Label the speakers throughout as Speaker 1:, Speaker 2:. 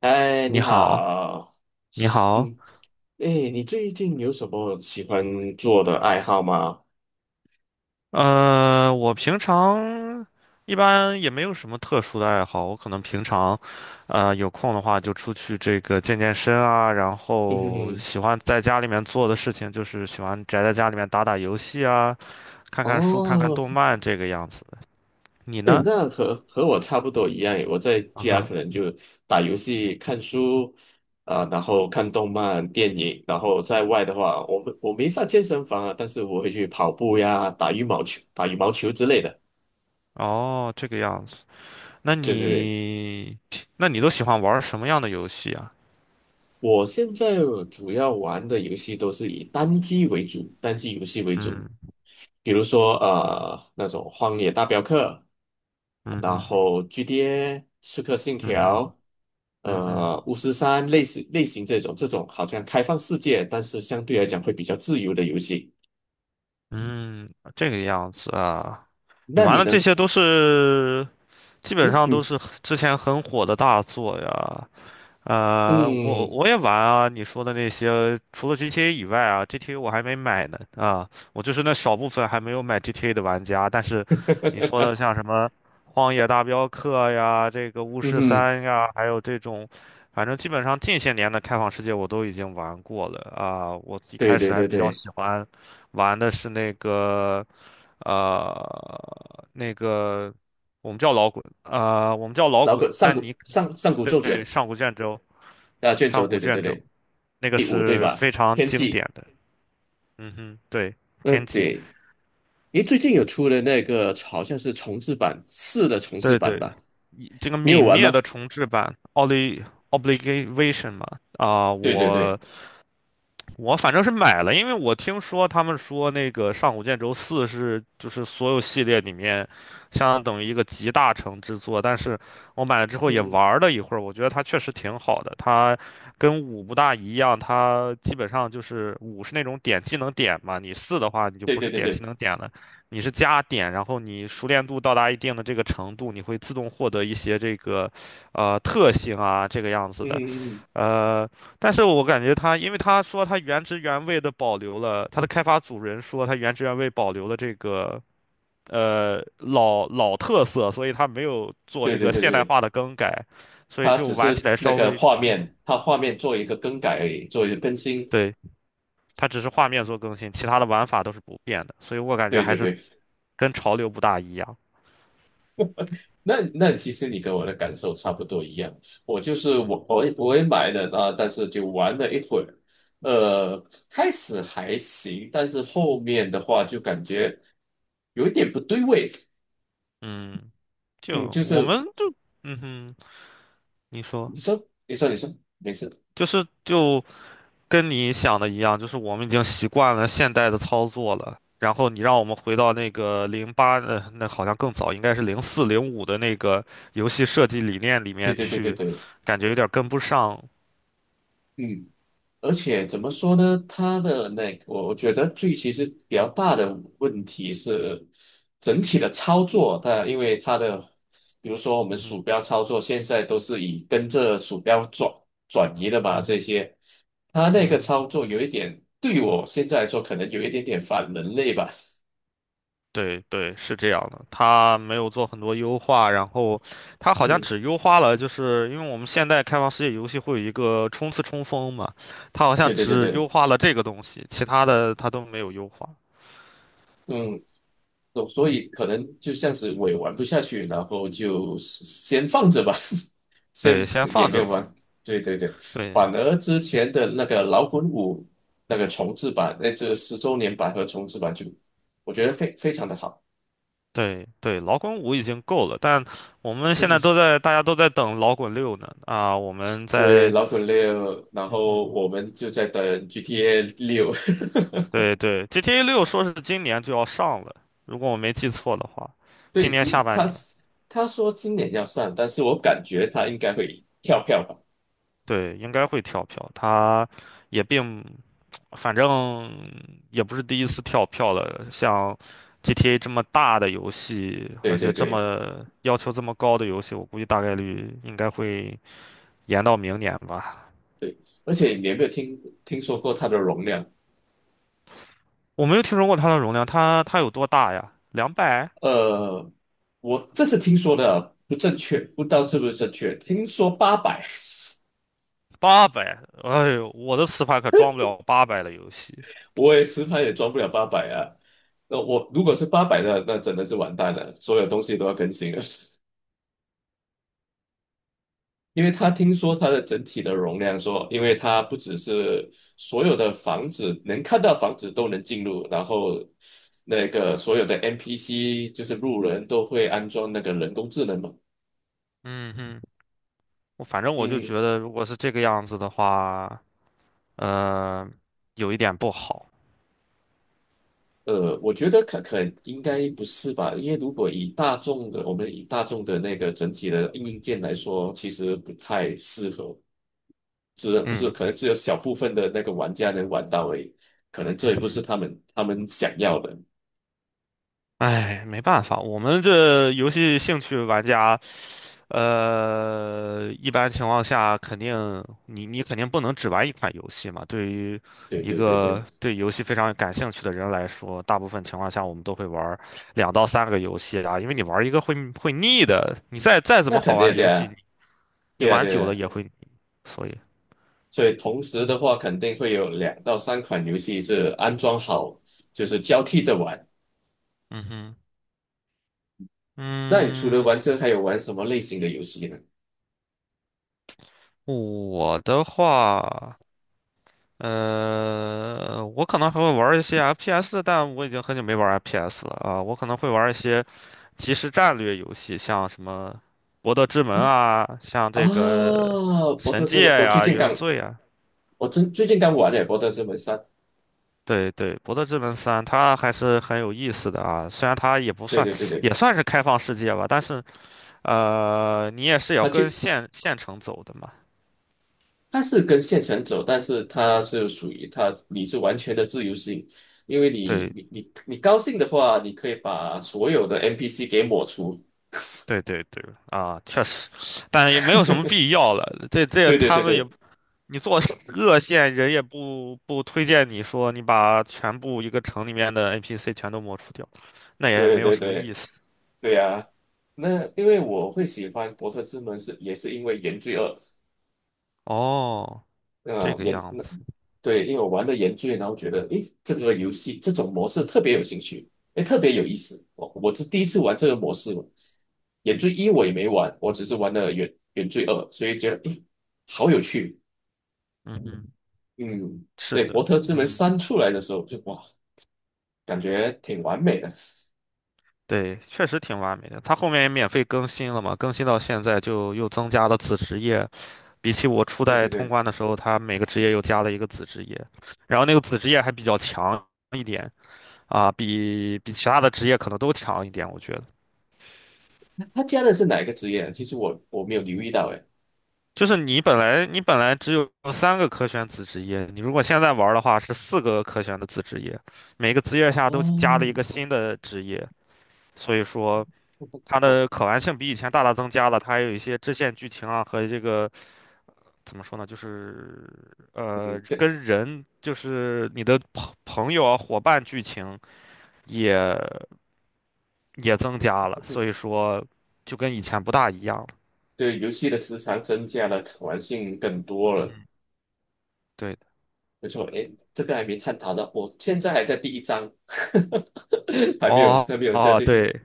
Speaker 1: 嗨，
Speaker 2: 你
Speaker 1: 你
Speaker 2: 好。
Speaker 1: 好，
Speaker 2: 你好。
Speaker 1: 嗯，哎，你最近有什么喜欢做的爱好吗？
Speaker 2: 我平常一般也没有什么特殊的爱好，我可能平常，有空的话就出去这个健身啊。然
Speaker 1: 嗯哼
Speaker 2: 后喜
Speaker 1: 哼，
Speaker 2: 欢在家里面做的事情就是喜欢宅在家里面打打游戏啊，看看书，看看
Speaker 1: 哦，
Speaker 2: 动漫这个样子。你
Speaker 1: 哎，
Speaker 2: 呢？
Speaker 1: 那和我差不多一样诶，我在
Speaker 2: 嗯
Speaker 1: 家
Speaker 2: 哼。
Speaker 1: 可能就打游戏、看书，啊、然后看动漫、电影，然后在外的话，我没上健身房啊，但是我会去跑步呀、打羽毛球、打羽毛球之类的。
Speaker 2: 哦，这个样子。那
Speaker 1: 对对对，
Speaker 2: 你，那你都喜欢玩什么样的游戏啊？
Speaker 1: 我现在主要玩的游戏都是以单机为主，单机游戏为主。
Speaker 2: 嗯
Speaker 1: 比如说那种《荒野大镖客》，
Speaker 2: 嗯
Speaker 1: 然
Speaker 2: 嗯
Speaker 1: 后《GTA》《刺客信条》，
Speaker 2: 嗯嗯嗯
Speaker 1: 《巫师三》类似类型这种好像开放世界，但是相对来讲会比较自由的游戏。
Speaker 2: 嗯，嗯这个样子啊。你
Speaker 1: 那
Speaker 2: 玩
Speaker 1: 你
Speaker 2: 的
Speaker 1: 呢？
Speaker 2: 这些都是基本上都
Speaker 1: 嗯
Speaker 2: 是很之前很火的大作呀。我
Speaker 1: 嗯
Speaker 2: 我也玩啊，你说的那些，除了 GTA 以外啊，GTA 我还没买呢啊，我就是那少部分还没有买 GTA 的玩家。但是你说
Speaker 1: 嗯
Speaker 2: 的像什么《荒野大镖客》呀，这个《巫
Speaker 1: 嗯
Speaker 2: 师
Speaker 1: 哼，
Speaker 2: 三》呀，还有这种，反正基本上近些年的开放世界我都已经玩过了啊。我一
Speaker 1: 对
Speaker 2: 开
Speaker 1: 对
Speaker 2: 始还
Speaker 1: 对
Speaker 2: 比较
Speaker 1: 对，
Speaker 2: 喜欢玩的是那个。呃，那个我们叫老滚，我们叫老
Speaker 1: 老
Speaker 2: 滚，
Speaker 1: 古上
Speaker 2: 但
Speaker 1: 古
Speaker 2: 你
Speaker 1: 上上古咒
Speaker 2: 对
Speaker 1: 卷
Speaker 2: 上古卷轴，
Speaker 1: 啊卷
Speaker 2: 上
Speaker 1: 轴，
Speaker 2: 古
Speaker 1: 对对对
Speaker 2: 卷轴
Speaker 1: 对，
Speaker 2: 那个
Speaker 1: 第五对
Speaker 2: 是
Speaker 1: 吧？
Speaker 2: 非常
Speaker 1: 天
Speaker 2: 经典
Speaker 1: 际，
Speaker 2: 的。嗯哼。对。
Speaker 1: 嗯
Speaker 2: 天际。
Speaker 1: 对，诶，最近有出了那个好像是重制版四的重制
Speaker 2: 对
Speaker 1: 版
Speaker 2: 对，
Speaker 1: 吧？
Speaker 2: 以这个
Speaker 1: 你有
Speaker 2: 泯
Speaker 1: 玩
Speaker 2: 灭
Speaker 1: 吗？
Speaker 2: 的重制版 o l i Obligation 嘛。啊、
Speaker 1: 对对
Speaker 2: 我
Speaker 1: 对。
Speaker 2: 我反正是买了，因为我听说他们说那个上古卷轴四是就是所有系列里面相当等于一个集大成之作。但是我买了之后
Speaker 1: 嗯
Speaker 2: 也
Speaker 1: 嗯，
Speaker 2: 玩了一会儿，我觉得它确实挺好的。它跟五不大一样，它基本上就是五是那种点技能点嘛，你四的话你就
Speaker 1: 对
Speaker 2: 不
Speaker 1: 对
Speaker 2: 是
Speaker 1: 对
Speaker 2: 点技
Speaker 1: 对，
Speaker 2: 能点了，你是加点，然后你熟练度到达一定的这个程度，你会自动获得一些这个特性啊这个样子
Speaker 1: 嗯
Speaker 2: 的。
Speaker 1: 嗯嗯，
Speaker 2: 呃，但是我感觉它，因为他说他原汁原味的保留了，他的开发组人说他原汁原味保留了这个老特色，所以他没有做这
Speaker 1: 对对
Speaker 2: 个
Speaker 1: 对
Speaker 2: 现代
Speaker 1: 对，
Speaker 2: 化的更改，所以
Speaker 1: 它
Speaker 2: 就
Speaker 1: 只
Speaker 2: 玩起
Speaker 1: 是
Speaker 2: 来
Speaker 1: 那
Speaker 2: 稍
Speaker 1: 个
Speaker 2: 微，
Speaker 1: 画
Speaker 2: 嗯，
Speaker 1: 面，它画面做一个更改而已，做一个更新。
Speaker 2: 对，它只是画面做更新，其他的玩法都是不变的，所以我感觉
Speaker 1: 对
Speaker 2: 还
Speaker 1: 对
Speaker 2: 是
Speaker 1: 对，
Speaker 2: 跟潮流不大一样。
Speaker 1: 那那其实你跟我的感受差不多一样，我就是
Speaker 2: 嗯
Speaker 1: 我我也我也买了啊，但是就玩了一会儿，呃，开始还行，但是后面的话就感觉有一点不对味，
Speaker 2: 嗯，
Speaker 1: 嗯，
Speaker 2: 就
Speaker 1: 就
Speaker 2: 我
Speaker 1: 是
Speaker 2: 们就嗯哼，你说
Speaker 1: 你说你说没事，
Speaker 2: 就是就。跟你想的一样，就是我们已经习惯了现代的操作了。然后你让我们回到那个零八，那好像更早，应该是零四零五的那个游戏设计理念里
Speaker 1: 对
Speaker 2: 面
Speaker 1: 对对对
Speaker 2: 去，
Speaker 1: 对，
Speaker 2: 感觉有点跟不上。
Speaker 1: 嗯。而且怎么说呢？它的那个，我觉得最其实比较大的问题是整体的操作，它因为它的，比如说我们
Speaker 2: 嗯哼，
Speaker 1: 鼠标操作现在都是以跟着鼠标转移的嘛，
Speaker 2: 嗯
Speaker 1: 这
Speaker 2: 哼，
Speaker 1: 些，它那个
Speaker 2: 嗯哼，
Speaker 1: 操作有一点，对我现在来说可能有一点点反人类吧。
Speaker 2: 对对，是这样的。它没有做很多优化，然后它好像
Speaker 1: 嗯，
Speaker 2: 只优化了，就是因为我们现代开放世界游戏会有一个冲刺冲锋嘛。它好像
Speaker 1: 对对对
Speaker 2: 只
Speaker 1: 对，
Speaker 2: 优化了这个东西，其他的它都没有优化。
Speaker 1: 嗯，所以可能就像是我也玩不下去，然后就先放着吧，
Speaker 2: 对，
Speaker 1: 先
Speaker 2: 先
Speaker 1: 也
Speaker 2: 放
Speaker 1: 没
Speaker 2: 着
Speaker 1: 有
Speaker 2: 吧。
Speaker 1: 玩。对对对，
Speaker 2: 对。
Speaker 1: 反而之前的那个老滚五那个重制版，那这10周年版和重制版就，我觉得非常的好。
Speaker 2: 对对，老滚五已经够了，但我们现在都 在，大家都在等老滚六呢。啊，我们
Speaker 1: 对，
Speaker 2: 在，
Speaker 1: 老滚六，然后
Speaker 2: 嗯，
Speaker 1: 我们就在等 GTA 六。
Speaker 2: 对对，GTA 六说是今年就要上了，如果我没记错的话，今
Speaker 1: 对，
Speaker 2: 年
Speaker 1: 其
Speaker 2: 下
Speaker 1: 实
Speaker 2: 半
Speaker 1: 他
Speaker 2: 年，
Speaker 1: 他说今年要上，但是我感觉他应该会跳票吧。
Speaker 2: 对，应该会跳票。它也并，反正也不是第一次跳票了，像 GTA 这么大的游戏，
Speaker 1: 对
Speaker 2: 而且
Speaker 1: 对
Speaker 2: 这
Speaker 1: 对
Speaker 2: 么要求这么高的游戏，我估计大概率应该会延到明年吧。
Speaker 1: 对，而且你有没有听说过它的容量？
Speaker 2: 我没有听说过它的容量，它有多大呀？200、
Speaker 1: 呃，我这是听说的啊不正确，不知道是不是正确。听说八百，
Speaker 2: 八百？哎呦，我的磁盘可装不了八百的游戏。
Speaker 1: 我也实拍也装不了八百啊。那我如果是八百的，那真的是完蛋了，所有东西都要更新了。因为他听说它的整体的容量说，因为它不只是所有的房子能看到房子都能进入，然后那个所有的 NPC 就是路人都会安装那个人工智能嘛。
Speaker 2: 嗯哼，我反正我就
Speaker 1: 嗯
Speaker 2: 觉得，如果是这个样子的话，呃，有一点不好。
Speaker 1: 我觉得可应该不是吧？因为如果以大众的，我们以大众的那个整体的硬件来说，其实不太适合，只是
Speaker 2: 嗯
Speaker 1: 可能只有小部分的那个玩家能玩到而已，可能这
Speaker 2: 嗯，
Speaker 1: 也
Speaker 2: 嗯
Speaker 1: 不是
Speaker 2: 哼，
Speaker 1: 他们想要的。
Speaker 2: 哎，没办法，我们这游戏兴趣玩家。一般情况下，肯定你肯定不能只玩一款游戏嘛。对于
Speaker 1: 对
Speaker 2: 一
Speaker 1: 对对对，
Speaker 2: 个对游戏非常感兴趣的人来说，大部分情况下我们都会玩两到三个游戏啊，因为你玩一个会腻的。你再怎
Speaker 1: 那
Speaker 2: 么好
Speaker 1: 肯
Speaker 2: 玩
Speaker 1: 定
Speaker 2: 的
Speaker 1: 的
Speaker 2: 游戏，
Speaker 1: 呀，
Speaker 2: 你你
Speaker 1: 对呀
Speaker 2: 玩
Speaker 1: 对
Speaker 2: 久了
Speaker 1: 呀。
Speaker 2: 也会腻所以，
Speaker 1: 所以同时的话，肯定会有两到三款游戏是安装好，就是交替着玩。
Speaker 2: 嗯哼，
Speaker 1: 那你除了
Speaker 2: 嗯，
Speaker 1: 玩这，还有玩什么类型的游戏呢？
Speaker 2: 我的话，我可能还会玩一些 FPS，但我已经很久没玩 FPS 了啊。我可能会玩一些。即时战略游戏，像什么《博德之门》啊，像这个
Speaker 1: 啊，博
Speaker 2: 《神
Speaker 1: 特之
Speaker 2: 界》
Speaker 1: 门，我最
Speaker 2: 呀、
Speaker 1: 近刚
Speaker 2: 原罪》啊。
Speaker 1: 我最最近刚玩了《哈利波特》这本三，
Speaker 2: 对对，《博德之门三》它还是很有意思的啊，虽然它也不
Speaker 1: 对
Speaker 2: 算，
Speaker 1: 对对对，
Speaker 2: 也算是开放世界吧，但是你也是要
Speaker 1: 他就
Speaker 2: 跟县城走的嘛。
Speaker 1: 他是跟县城走，但是他是属于他，你是完全的自由性，因为你
Speaker 2: 对
Speaker 1: 你你你高兴的话，你可以把所有的 NPC 给抹除。
Speaker 2: 对对对，啊，确实，但也没有什么 必要了。这
Speaker 1: 对对
Speaker 2: 他
Speaker 1: 对
Speaker 2: 们也，
Speaker 1: 对
Speaker 2: 你做 恶线人也不推荐你说你把全部一个城里面的 NPC 全都抹除掉。那也
Speaker 1: 对
Speaker 2: 没有
Speaker 1: 对
Speaker 2: 什么意
Speaker 1: 对
Speaker 2: 思。
Speaker 1: 对呀、那因为我会喜欢《伯特之门》是也是因为《原罪二》，
Speaker 2: 哦，这
Speaker 1: 那
Speaker 2: 个
Speaker 1: 研
Speaker 2: 样
Speaker 1: 那
Speaker 2: 子。
Speaker 1: 对，因为我玩的研究，然后觉得诶，这个游戏这种模式特别有兴趣，诶，特别有意思。我是第一次玩这个模式嘛，原罪一我也没玩，我只是玩了原罪二，所以觉得诶，好有趣。
Speaker 2: 嗯嗯，
Speaker 1: 嗯，
Speaker 2: 是
Speaker 1: 所以《伯
Speaker 2: 的，
Speaker 1: 特之门
Speaker 2: 嗯，
Speaker 1: 三》出来的时候就哇，感觉挺完美的。
Speaker 2: 对，确实挺完美的。它后面也免费更新了嘛，更新到现在就又增加了子职业。比起我初
Speaker 1: 对
Speaker 2: 代
Speaker 1: 对
Speaker 2: 通
Speaker 1: 对，
Speaker 2: 关的时候，它每个职业又加了一个子职业，然后那个子职业还比较强一点啊，比其他的职业可能都强一点，我觉得。
Speaker 1: 他加的是哪一个职业啊？其实我没有留意到诶。
Speaker 2: 就是你本来你本来只有三个可选子职业，你如果现在玩儿的话是四个可选的子职业，每个职业下都加了一个
Speaker 1: 哦，
Speaker 2: 新的职业，所以说 它的可玩性比以前大大增加了，它还有一些支线剧情啊和这个怎么说呢，就是
Speaker 1: 嗯，对，
Speaker 2: 跟人就是你的朋友啊伙伴剧情也也增加了，
Speaker 1: 嗯
Speaker 2: 所以说就跟以前不大一样了。
Speaker 1: 对，游戏的时长增加了，可玩性更多了。
Speaker 2: 对的。
Speaker 1: 没错，诶，这个还没探讨到，我现在还在第一章，还没有，
Speaker 2: 哦
Speaker 1: 还没有加
Speaker 2: 哦
Speaker 1: 进去。
Speaker 2: 对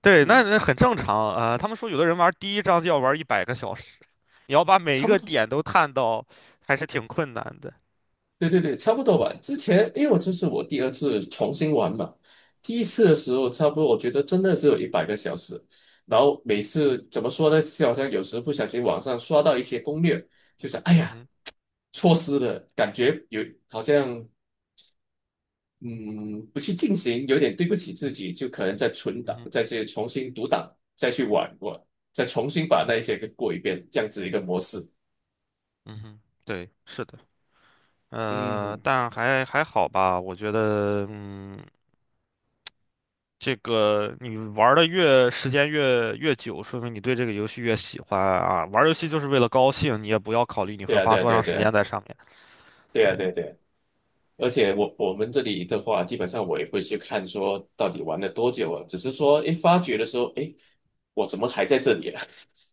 Speaker 2: 对，那
Speaker 1: 嗯，
Speaker 2: 那很正常啊，他们说有的人玩第一章就要玩100个小时，你要把每一
Speaker 1: 差不
Speaker 2: 个
Speaker 1: 多，
Speaker 2: 点都探到，还是挺困难的。
Speaker 1: 对对对，差不多吧。之前，因为我这是我第二次重新玩嘛，第一次的时候差不多，我觉得真的是有100个小时。然后每次怎么说呢，就好像有时不小心网上刷到一些攻略，就想，哎
Speaker 2: 嗯
Speaker 1: 呀，
Speaker 2: 哼，
Speaker 1: 错失了，感觉有好像嗯，不去进行，有点对不起自己，就可能再存
Speaker 2: 嗯
Speaker 1: 档，
Speaker 2: 哼，
Speaker 1: 再去重新读档，再去玩过，再重新把那一些给过一遍，这样子一个模式。
Speaker 2: 嗯哼，对，是的。
Speaker 1: 嗯，
Speaker 2: 但还好吧，我觉得，嗯，这个你玩的越时间越久，说明你对这个游戏越喜欢啊。玩游戏就是为了高兴，你也不要考虑你
Speaker 1: 对
Speaker 2: 会
Speaker 1: 啊，
Speaker 2: 花
Speaker 1: 对啊，
Speaker 2: 多
Speaker 1: 对啊，
Speaker 2: 长
Speaker 1: 对
Speaker 2: 时
Speaker 1: 啊，
Speaker 2: 间在上面。
Speaker 1: 对啊，
Speaker 2: 对，
Speaker 1: 对啊，对啊。而且我们这里的话，基本上我也不会去看说到底玩了多久啊，只是说，诶，发觉的时候，诶，我怎么还在这里啊？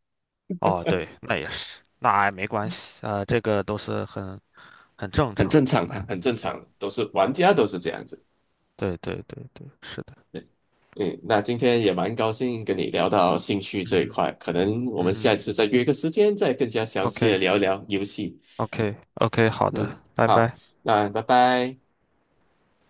Speaker 2: 哦，对，那也是，那也没关系，这个都是很正
Speaker 1: 很
Speaker 2: 常
Speaker 1: 正
Speaker 2: 的。
Speaker 1: 常啊，很正常，都是玩家都是这样子。
Speaker 2: 对对对对，是的，
Speaker 1: 嗯，那今天也蛮高兴跟你聊到兴趣
Speaker 2: 嗯
Speaker 1: 这一
Speaker 2: 哼，
Speaker 1: 块，可能我们
Speaker 2: 嗯
Speaker 1: 下一
Speaker 2: 哼
Speaker 1: 次再约个时间，再更加详细的
Speaker 2: ，OK
Speaker 1: 聊一聊游戏。
Speaker 2: OK OK，好
Speaker 1: 嗯，
Speaker 2: 的，拜
Speaker 1: 好，
Speaker 2: 拜。
Speaker 1: 那拜拜。